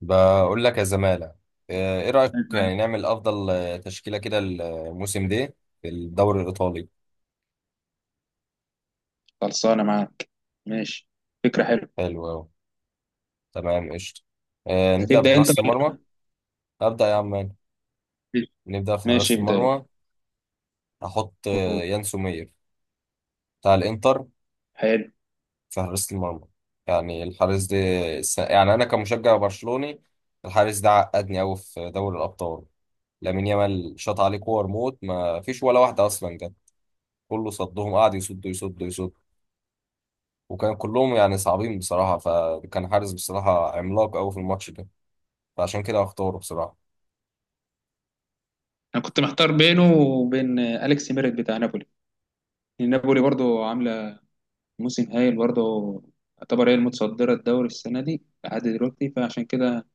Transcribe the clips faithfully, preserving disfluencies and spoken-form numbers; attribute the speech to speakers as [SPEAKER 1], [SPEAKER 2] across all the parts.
[SPEAKER 1] بقول لك يا زمالة. آه، ايه رأيك
[SPEAKER 2] عيب
[SPEAKER 1] يعني
[SPEAKER 2] عليك.
[SPEAKER 1] نعمل افضل آه، تشكيلة كده الموسم ده في الدوري الايطالي.
[SPEAKER 2] خلصانة معاك، ماشي، فكرة حلوة.
[SPEAKER 1] حلو أوي. تمام قشطة. آه، نبدأ
[SPEAKER 2] هتبدأ أنت
[SPEAKER 1] بحراسة
[SPEAKER 2] ولا
[SPEAKER 1] المرمى. أبدأ يا عم أنا.
[SPEAKER 2] أبتدي؟
[SPEAKER 1] نبدأ في
[SPEAKER 2] ماشي،
[SPEAKER 1] حراسة
[SPEAKER 2] ابدأ يلا.
[SPEAKER 1] المرمى. هحط آه،
[SPEAKER 2] قول.
[SPEAKER 1] يان سومير بتاع الانتر
[SPEAKER 2] حلو.
[SPEAKER 1] في حراسة المرمى. يعني الحارس ده س- يعني انا كمشجع برشلوني، الحارس ده عقدني قوي في دوري الابطال. لامين يامال شاط عليه كور موت، ما فيش ولا واحدة اصلا جت، كله صدهم، قعد يصد يصد يصد، وكان كلهم يعني صعبين بصراحة، فكان حارس بصراحة عملاق أوي في الماتش ده، فعشان كده هختاره بصراحة.
[SPEAKER 2] أنا كنت محتار بينه وبين أليكس ميريت بتاع نابولي، لأن نابولي برضو عاملة موسم هايل، برضو يعتبر هي المتصدرة الدوري السنة دي لحد دلوقتي. فعشان كده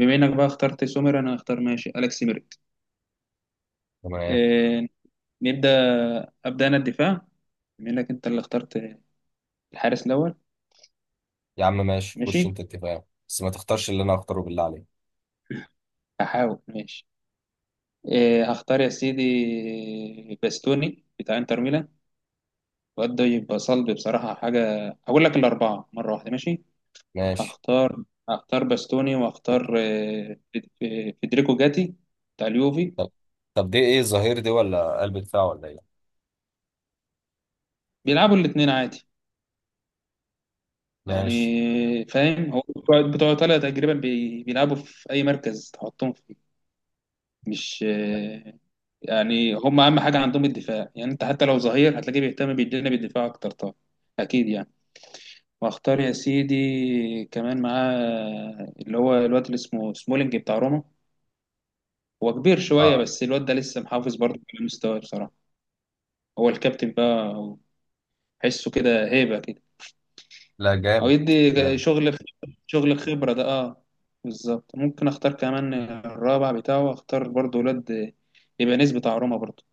[SPEAKER 2] بما إنك بقى اخترت سومر، أنا هختار ماشي أليكس ميريت.
[SPEAKER 1] تمام.
[SPEAKER 2] إيه، نبدأ. أبدأ أنا الدفاع بما إنك أنت اللي اخترت الحارس الأول.
[SPEAKER 1] يا عم ماشي خش
[SPEAKER 2] ماشي،
[SPEAKER 1] أنت اتفاق بس ما تختارش اللي أنا هختاره بالله عليك.
[SPEAKER 2] هحاول. ماشي. إيه، هختار يا سيدي باستوني بتاع انتر ميلان. الواد ده يبقى صلب بصراحة. حاجة هقول لك الأربعة مرة واحدة، ماشي.
[SPEAKER 1] ماشي.
[SPEAKER 2] هختار هختار باستوني وهختار آه، فيد- آه، فيدريكو جاتي بتاع اليوفي.
[SPEAKER 1] طب طب دي إيه؟ الظهير دي ولا قلب دفاع ولا إيه؟
[SPEAKER 2] بيلعبوا الاتنين عادي، يعني
[SPEAKER 1] ماشي.
[SPEAKER 2] فاهم. هو بتوع بتوع إيطاليا تقريبا بي- بيلعبوا في أي مركز تحطهم فيه. مش آه، يعني هم أهم حاجة عندهم الدفاع. يعني أنت حتى لو ظهير هتلاقيه بيهتم بالجانب الدفاع أكتر طبعا. أكيد يعني. واختار يا سيدي كمان معاه اللي هو الواد اللي اسمه سمولينج بتاع روما. هو كبير شوية،
[SPEAKER 1] آه
[SPEAKER 2] بس الواد ده لسه محافظ برضه على مستواه بصراحة. هو الكابتن بقى، حسه كده هيبة كده.
[SPEAKER 1] لا
[SPEAKER 2] أو
[SPEAKER 1] جامد.
[SPEAKER 2] يدي
[SPEAKER 1] جامد
[SPEAKER 2] شغل. شغل خبرة ده، اه. بالظبط. ممكن اختار كمان الرابع بتاعه، اختار برضه الواد ايبانيز بتاع روما برضه.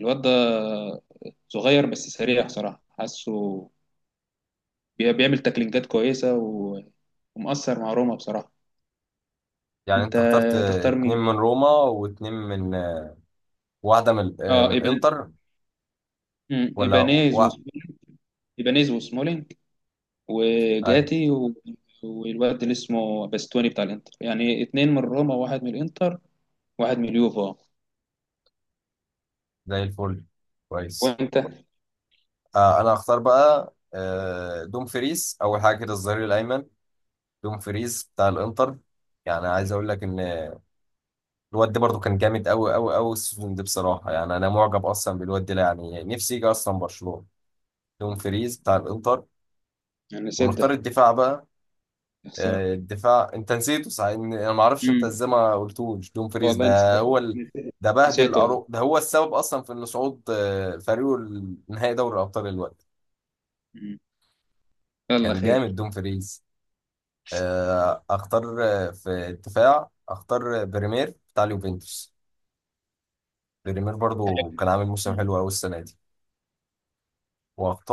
[SPEAKER 2] الواد ده صغير، بس سريع بصراحة. حاسه بي- بيعمل تاكلينجات كويسة و... ومؤثر مع روما بصراحة.
[SPEAKER 1] يعني.
[SPEAKER 2] انت
[SPEAKER 1] أنت اخترت آه،
[SPEAKER 2] تختار
[SPEAKER 1] اتنين
[SPEAKER 2] مين؟
[SPEAKER 1] من روما واتنين من آه، واحدة من ال- آه،
[SPEAKER 2] اه،
[SPEAKER 1] من
[SPEAKER 2] إبان...
[SPEAKER 1] الإنتر،
[SPEAKER 2] مم.
[SPEAKER 1] ولا
[SPEAKER 2] ايبانيز
[SPEAKER 1] واحد؟
[SPEAKER 2] وسمولينج، ايبانيز وسمولينج،
[SPEAKER 1] أيوة
[SPEAKER 2] وجاتي و... والواد اللي اسمه باستوني بتاع الانتر، يعني اتنين من روما وواحد من الانتر وواحد من اليوفا.
[SPEAKER 1] زي الفل. كويس.
[SPEAKER 2] وانت؟
[SPEAKER 1] آه أنا هختار بقى آه، دومفريس أول حاجة كده، الظهير الأيمن. دومفريز بتاع الانتر. يعني عايز اقول لك ان الواد ده برضو كان جامد قوي قوي قوي السيزون ده بصراحه، يعني انا معجب اصلا بالواد ده، يعني نفسي يجي اصلا برشلونه. دومفريز بتاع الانتر.
[SPEAKER 2] يعني نسيت
[SPEAKER 1] ونختار
[SPEAKER 2] ده،
[SPEAKER 1] الدفاع بقى.
[SPEAKER 2] يا خسارة.
[SPEAKER 1] آه، الدفاع انت نسيته صحيح، إن- انا ما اعرفش انت
[SPEAKER 2] مم.
[SPEAKER 1] ازاي ما قلتوش دومفريز
[SPEAKER 2] والله نسيت.
[SPEAKER 1] ده هو ال... ده بهدل
[SPEAKER 2] نسيت والله.
[SPEAKER 1] أرو... ده هو السبب اصلا في ان صعود آه، فريقه لنهائي دوري الابطال الوقت.
[SPEAKER 2] مم. يلا
[SPEAKER 1] كان جامد
[SPEAKER 2] خير.
[SPEAKER 1] دومفريز. آه، اختار آه، في الدفاع اختار آه، بريمير بتاع اليوفنتوس. ريمير برضو كان عامل موسم
[SPEAKER 2] مم.
[SPEAKER 1] حلو قوي السنه دي.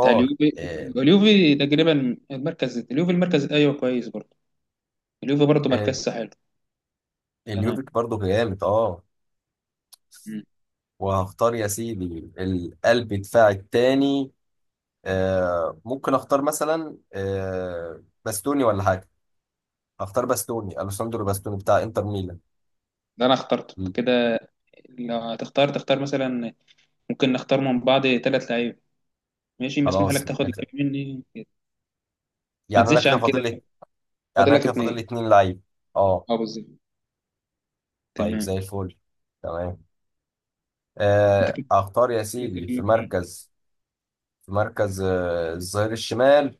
[SPEAKER 2] بتاع اليوفي.
[SPEAKER 1] آه،
[SPEAKER 2] اليوفي تقريبا المركز، اليوفي المركز، ايوه كويس برضه. اليوفي برضه
[SPEAKER 1] آه،
[SPEAKER 2] مركزه حلو. تمام.
[SPEAKER 1] اليوفيك برضو جامد اه.
[SPEAKER 2] مم.
[SPEAKER 1] وهختار يا سيدي القلب دفاع التاني. آه، ممكن اختار مثلا آه، باستوني ولا حاجه. اختار باستوني، الوساندرو باستوني بتاع انتر ميلان.
[SPEAKER 2] ده انا اخترته
[SPEAKER 1] مم،
[SPEAKER 2] كده. لو هتختار تختار مثلا، ممكن نختار من بعض ثلاث لعيبه. ماشي، مسموح لك
[SPEAKER 1] خلاص
[SPEAKER 2] تاخد
[SPEAKER 1] آخر.
[SPEAKER 2] لعيب مني، ما
[SPEAKER 1] يعني انا
[SPEAKER 2] تزيدش
[SPEAKER 1] كده
[SPEAKER 2] عن
[SPEAKER 1] فاضل
[SPEAKER 2] كده.
[SPEAKER 1] لي يعني
[SPEAKER 2] فاضل
[SPEAKER 1] انا
[SPEAKER 2] لك
[SPEAKER 1] كده فاضل لي
[SPEAKER 2] اتنين.
[SPEAKER 1] اتنين لعيب، اه.
[SPEAKER 2] اه، بالظبط.
[SPEAKER 1] طيب
[SPEAKER 2] تمام.
[SPEAKER 1] زي الفل. تمام.
[SPEAKER 2] انت
[SPEAKER 1] آه،
[SPEAKER 2] كده
[SPEAKER 1] اختار يا
[SPEAKER 2] كده
[SPEAKER 1] سيدي
[SPEAKER 2] فاضل
[SPEAKER 1] في
[SPEAKER 2] لك اتنين.
[SPEAKER 1] مركز في مركز آه، الظهير الشمال.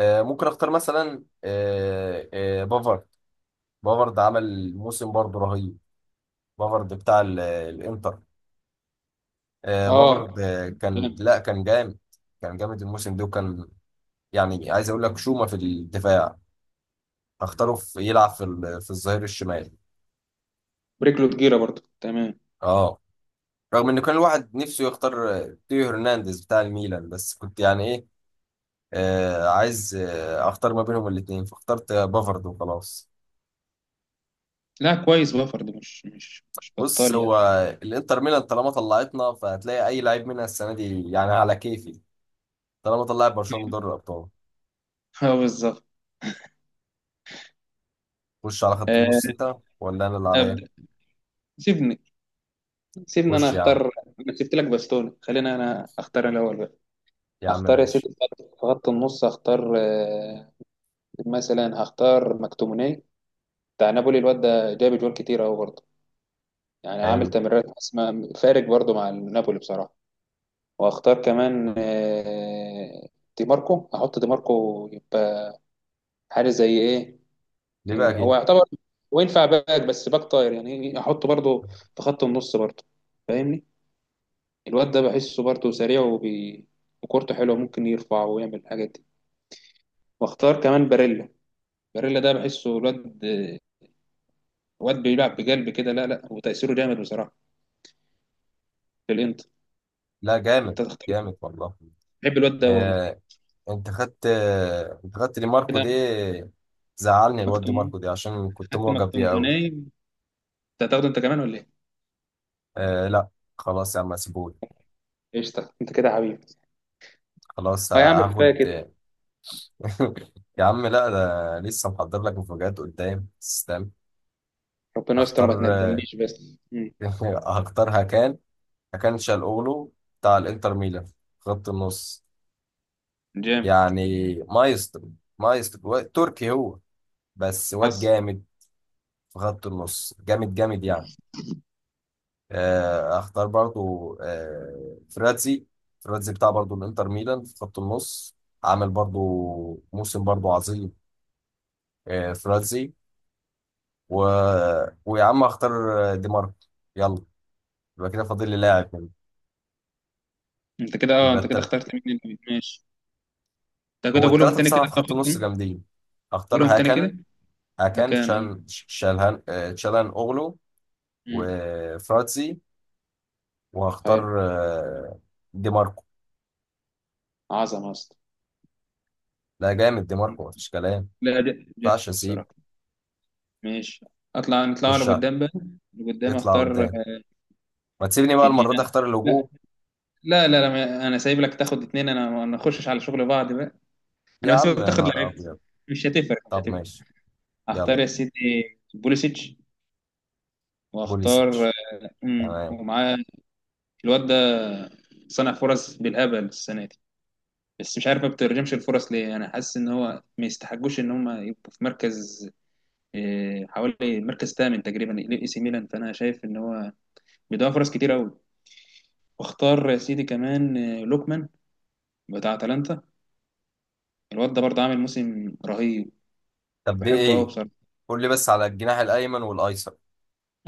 [SPEAKER 1] آه، ممكن اختار مثلا آه، آه، بافارد. بافارد عمل موسم برضه رهيب. بافارد بتاع ال- الانتر. آه، بافارد
[SPEAKER 2] اه،
[SPEAKER 1] آه، كان
[SPEAKER 2] تمام.
[SPEAKER 1] لا كان جامد. كان جامد الموسم ده، وكان يعني عايز اقول لك شومة في الدفاع. اختاره في يلعب في ال- في الظهير الشمال،
[SPEAKER 2] ورجله تجيره برضه، تمام.
[SPEAKER 1] اه. رغم انه كان الواحد نفسه يختار آه، تيو هرنانديز بتاع الميلان، بس كنت يعني ايه، آه، عايز آه، اختار ما بينهم الاثنين، فاخترت آه، بافارد وخلاص.
[SPEAKER 2] لا كويس، بافر ده مش مش مش
[SPEAKER 1] بص
[SPEAKER 2] بطال
[SPEAKER 1] هو
[SPEAKER 2] يعني.
[SPEAKER 1] الانتر ميلان طالما طلعتنا، فهتلاقي اي لعيب منها السنه دي يعني على كيفي، طالما طلعت برشلونه من دوري الابطال.
[SPEAKER 2] اه بالظبط.
[SPEAKER 1] خش على خط
[SPEAKER 2] آه،
[SPEAKER 1] النص انت، ولا انا اللي عليا؟
[SPEAKER 2] ابدا. سيبني سيبني انا
[SPEAKER 1] خش يا عم.
[SPEAKER 2] اختار. انا سبت لك باستوني، خلينا انا اختار الاول بقى.
[SPEAKER 1] يا عم
[SPEAKER 2] هختار يا سيدي
[SPEAKER 1] ماشي.
[SPEAKER 2] في خط في خط النص. هختار آه، مثلا هختار مكتوموني بتاع نابولي. الواد ده جاب جوال كتير اهو برضه، يعني عامل
[SPEAKER 1] حلو.
[SPEAKER 2] تمريرات حاسمة فارق برضو مع نابولي بصراحة. واختار كمان آه، دي ماركو. احط دي ماركو يبقى حارس زي ايه؟
[SPEAKER 1] ليه بقى
[SPEAKER 2] إيه،
[SPEAKER 1] كده؟
[SPEAKER 2] هو يعتبر وينفع باك، بس باك طاير يعني، احطه برضو في خط النص برضو، فاهمني. الواد ده بحسه برضو سريع وبي... وكورته حلوة، ممكن يرفع ويعمل الحاجات دي. واختار كمان باريلا. باريلا ده بحسه، الواد الواد بيلعب بقلب كده، لا لا، وتأثيره جامد بصراحة في الانتر.
[SPEAKER 1] لا جامد.
[SPEAKER 2] انت تختار.
[SPEAKER 1] جامد والله.
[SPEAKER 2] بحب الواد ده والله.
[SPEAKER 1] آه انت خدت آه انت خدت دي ماركو
[SPEAKER 2] كده
[SPEAKER 1] دي. زعلني الواد دي
[SPEAKER 2] مكتوم،
[SPEAKER 1] ماركو دي عشان كنت
[SPEAKER 2] خدت
[SPEAKER 1] معجب بيه قوي.
[SPEAKER 2] مكتوموناي. انت هتاخده انت كمان ولا ايه؟
[SPEAKER 1] آه لا، خلاص يا عم سيبوني.
[SPEAKER 2] قشطة. انت كده حبيبي.
[SPEAKER 1] خلاص
[SPEAKER 2] اه يا عم،
[SPEAKER 1] هاخد.
[SPEAKER 2] كفايه كده.
[SPEAKER 1] يا عم لا، ده لسه محضر لك مفاجآت قدام، استنى.
[SPEAKER 2] ربنا يستر
[SPEAKER 1] اختار.
[SPEAKER 2] وما تندمنيش بس. مم.
[SPEAKER 1] هختار هكان هكان شالقولو بتاع الانتر ميلان، خط النص.
[SPEAKER 2] جامد.
[SPEAKER 1] يعني مايسترو. مايسترو و- تركي هو، بس واد
[SPEAKER 2] حصل.
[SPEAKER 1] جامد. في خط النص جامد جامد يعني. آه، اختار برضو آه، فراتزي. فراتزي بتاع برضو الانتر ميلان في خط النص. عامل برضو موسم برضو عظيم. آه، فراتزي و... ويا عم اختار دي ماركو. يلا. يبقى كده فاضل لي لاعب منه.
[SPEAKER 2] انت كده، اه،
[SPEAKER 1] يبقى
[SPEAKER 2] انت كده
[SPEAKER 1] التلاتة.
[SPEAKER 2] اخترت مين اللي ماشي؟ انت
[SPEAKER 1] هو
[SPEAKER 2] كده قولهم
[SPEAKER 1] الثلاثة
[SPEAKER 2] تاني كده،
[SPEAKER 1] بصراحة في
[SPEAKER 2] انت
[SPEAKER 1] خط النص
[SPEAKER 2] خدت.
[SPEAKER 1] جامدين. اختار
[SPEAKER 2] قولهم تاني
[SPEAKER 1] هاكان
[SPEAKER 2] كده.
[SPEAKER 1] هاكان
[SPEAKER 2] مكان،
[SPEAKER 1] شان
[SPEAKER 2] اه.
[SPEAKER 1] شالهان آه، تشالهان اوغلو،
[SPEAKER 2] مم.
[SPEAKER 1] وفراتسي،
[SPEAKER 2] حلو.
[SPEAKER 1] وهختار آه، دي ماركو.
[SPEAKER 2] عظمة اصلا.
[SPEAKER 1] لا جامد، دي ماركو مفيش كلام. ما
[SPEAKER 2] لا ده جامد
[SPEAKER 1] ينفعش اسيب.
[SPEAKER 2] الصراحة. ماشي، اطلع نطلع
[SPEAKER 1] خش عليه.
[SPEAKER 2] لقدام بقى. لقدام.
[SPEAKER 1] يطلع
[SPEAKER 2] اختار
[SPEAKER 1] قدام. ما تسيبني بقى
[SPEAKER 2] في
[SPEAKER 1] المرة دي
[SPEAKER 2] الجناح.
[SPEAKER 1] اختار
[SPEAKER 2] لا
[SPEAKER 1] الهجوم.
[SPEAKER 2] لا لا، لا ما- انا سايب لك تاخد اتنين، انا ما نخشش على شغل بعض بقى. انا
[SPEAKER 1] يا عم
[SPEAKER 2] بسيبك
[SPEAKER 1] يا
[SPEAKER 2] تاخد
[SPEAKER 1] نهار
[SPEAKER 2] لعيبتي.
[SPEAKER 1] ابيض.
[SPEAKER 2] مش هتفرق، مش
[SPEAKER 1] طب
[SPEAKER 2] هتفرق.
[SPEAKER 1] ماشي. يلا.
[SPEAKER 2] هختار يا سيدي بوليسيتش. واختار
[SPEAKER 1] بوليسيتش.
[SPEAKER 2] امم
[SPEAKER 1] تمام.
[SPEAKER 2] ومعاه. الواد ده صنع فرص بالهبل السنه دي، بس مش عارف ما بترجمش الفرص ليه. انا حاسس ان هو ما يستحقوش ان هم يبقوا في مركز إيه، حوالي مركز ثامن تقريبا الاي سي ميلان. فانا شايف ان هو بيضيع فرص كتير قوي. واختار يا سيدي كمان آه، لوكمان بتاع اتلانتا. الواد ده برضه عامل موسم رهيب،
[SPEAKER 1] طب دي
[SPEAKER 2] بحبه قوي
[SPEAKER 1] ايه؟
[SPEAKER 2] بصراحه.
[SPEAKER 1] قول لي بس على الجناح الايمن والايسر.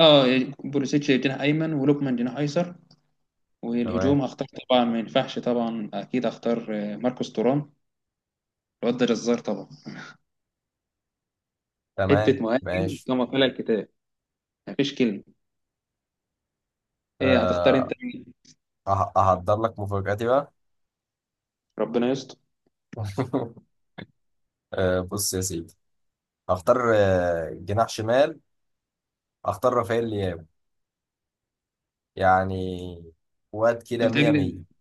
[SPEAKER 2] اه، بوليسيتش جناح ايمن ولوكمان جناح ايسر.
[SPEAKER 1] تمام.
[SPEAKER 2] والهجوم هختار طبعا ما ينفعش طبعا اكيد هختار آه، ماركوس تورام. الواد ده جزار طبعا، حته
[SPEAKER 1] تمام
[SPEAKER 2] مهاجم
[SPEAKER 1] ماشي.
[SPEAKER 2] كما قال الكتاب، مفيش كلمه. ايه هتختار انت
[SPEAKER 1] أه
[SPEAKER 2] مين؟
[SPEAKER 1] أه- أهدر لك مفاجأتي بقى.
[SPEAKER 2] ربنا يستر.
[SPEAKER 1] آه، بص يا سيدي. هختار آه، جناح شمال، هختار رافائيل لياو. يعني واد كده
[SPEAKER 2] انا
[SPEAKER 1] مية
[SPEAKER 2] بتهيألي
[SPEAKER 1] مية.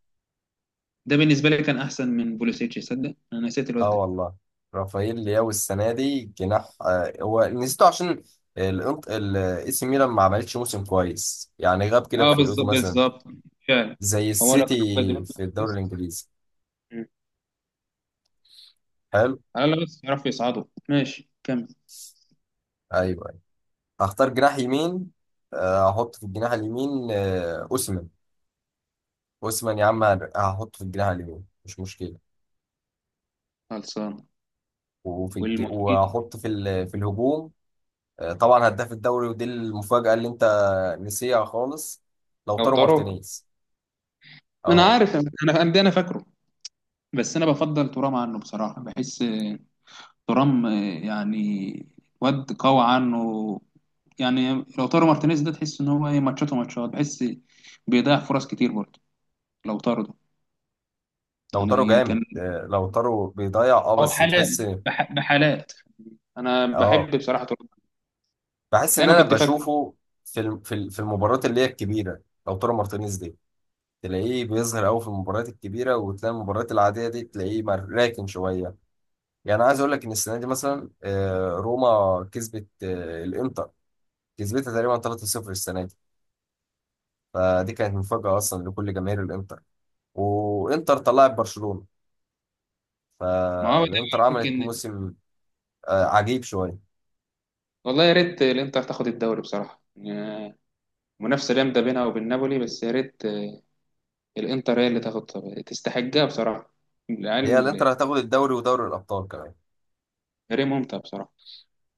[SPEAKER 2] ده بالنسبه لي كان احسن من بوليسيتش، صدق انا نسيت الواد
[SPEAKER 1] اه
[SPEAKER 2] ده.
[SPEAKER 1] والله. رافائيل لياو السنة دي جناح، آه، هو نسيته عشان الانط الاي سي ميلان ما عملتش موسم كويس، يعني غاب كده في
[SPEAKER 2] اه
[SPEAKER 1] فرقته
[SPEAKER 2] بالظبط،
[SPEAKER 1] مثلا،
[SPEAKER 2] بالظبط، فعلا.
[SPEAKER 1] زي
[SPEAKER 2] هو لو
[SPEAKER 1] السيتي
[SPEAKER 2] كانوا مقدمين
[SPEAKER 1] في الدوري
[SPEAKER 2] بس-
[SPEAKER 1] الانجليزي.
[SPEAKER 2] مم.
[SPEAKER 1] حلو.
[SPEAKER 2] على الاقل بس يعرفوا يصعدوا. ماشي، كمل.
[SPEAKER 1] ايوه. أيوة. هختار جناح يمين. آه، هحط في الجناح اليمين آه، اوسمان. اوسمان يا عم، هن- هحطه في الجناح اليمين مش مشكلة.
[SPEAKER 2] خلصان.
[SPEAKER 1] وفي الج...
[SPEAKER 2] والمهاجم.
[SPEAKER 1] واحط في ال... في الهجوم آه، طبعا هداف الدوري، ودي المفاجأة اللي انت نسيها خالص،
[SPEAKER 2] لو
[SPEAKER 1] لوتارو
[SPEAKER 2] طاروا.
[SPEAKER 1] مارتينيز.
[SPEAKER 2] انا
[SPEAKER 1] اه
[SPEAKER 2] عارف، انا انا ده انا فاكره، بس انا بفضل ترام عنه بصراحه. بحس ترام يعني واد قوي عنه. يعني لو طارو مارتينيز ده تحس ان هو ايه، ماتشاته ماتشات وماتشات، بحس بيضيع فرص كتير برضه لو طارو ده.
[SPEAKER 1] لوتارو
[SPEAKER 2] يعني
[SPEAKER 1] جامد.
[SPEAKER 2] كان
[SPEAKER 1] آه، لوتارو بيضيع اه،
[SPEAKER 2] هو
[SPEAKER 1] بس
[SPEAKER 2] بحالات
[SPEAKER 1] تحس،
[SPEAKER 2] بح- بحالات. انا
[SPEAKER 1] اه
[SPEAKER 2] بحب بصراحه ترام
[SPEAKER 1] بحس
[SPEAKER 2] ده،
[SPEAKER 1] ان
[SPEAKER 2] انا
[SPEAKER 1] انا
[SPEAKER 2] كنت فاكره.
[SPEAKER 1] بشوفه في الم... في ال- في المباريات اللي هي الكبيرة. لوتارو مارتينيز دي تلاقيه بيظهر قوي في المباريات الكبيرة، وتلاقي المباريات العادية دي تلاقيه مر- راكن شوية. يعني عايز اقول لك ان السنة دي مثلا آه، روما كسبت آه، الانتر، كسبتها تقريبا ثلاثة صفر السنة دي. فدي كانت مفاجأة أصلا لكل جماهير الإنتر، وإنتر طلعت برشلونة،
[SPEAKER 2] ما هو ده
[SPEAKER 1] فالإنتر عملت
[SPEAKER 2] يمكن.
[SPEAKER 1] موسم آه، عجيب شوية.
[SPEAKER 2] والله يا ريت الانتر تاخد الدوري بصراحه، يعني منافسه جامده بينها وبين نابولي. بس يا ريت الانتر هي اللي تاخد، تستحقها بصراحه
[SPEAKER 1] هي
[SPEAKER 2] العيال.
[SPEAKER 1] الإنتر هتاخد الدوري ودوري الأبطال كمان،
[SPEAKER 2] فريق ممتع بصراحه.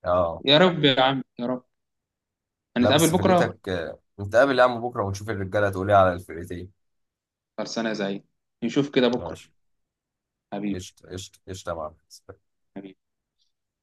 [SPEAKER 1] اه.
[SPEAKER 2] يا رب يا عم، يا رب.
[SPEAKER 1] لا
[SPEAKER 2] هنتقابل
[SPEAKER 1] بس
[SPEAKER 2] بكره.
[SPEAKER 1] فرقتك آه، نتقابل يا عم بكرة ونشوف الرجالة تقول إيه على الفرقتين.
[SPEAKER 2] خلصانه يا زعيم، نشوف كده بكره.
[SPEAKER 1] ماشي.
[SPEAKER 2] حبيبي.
[SPEAKER 1] قشطة قشطة قشطة يا معلم.
[SPEAKER 2] حبيبي.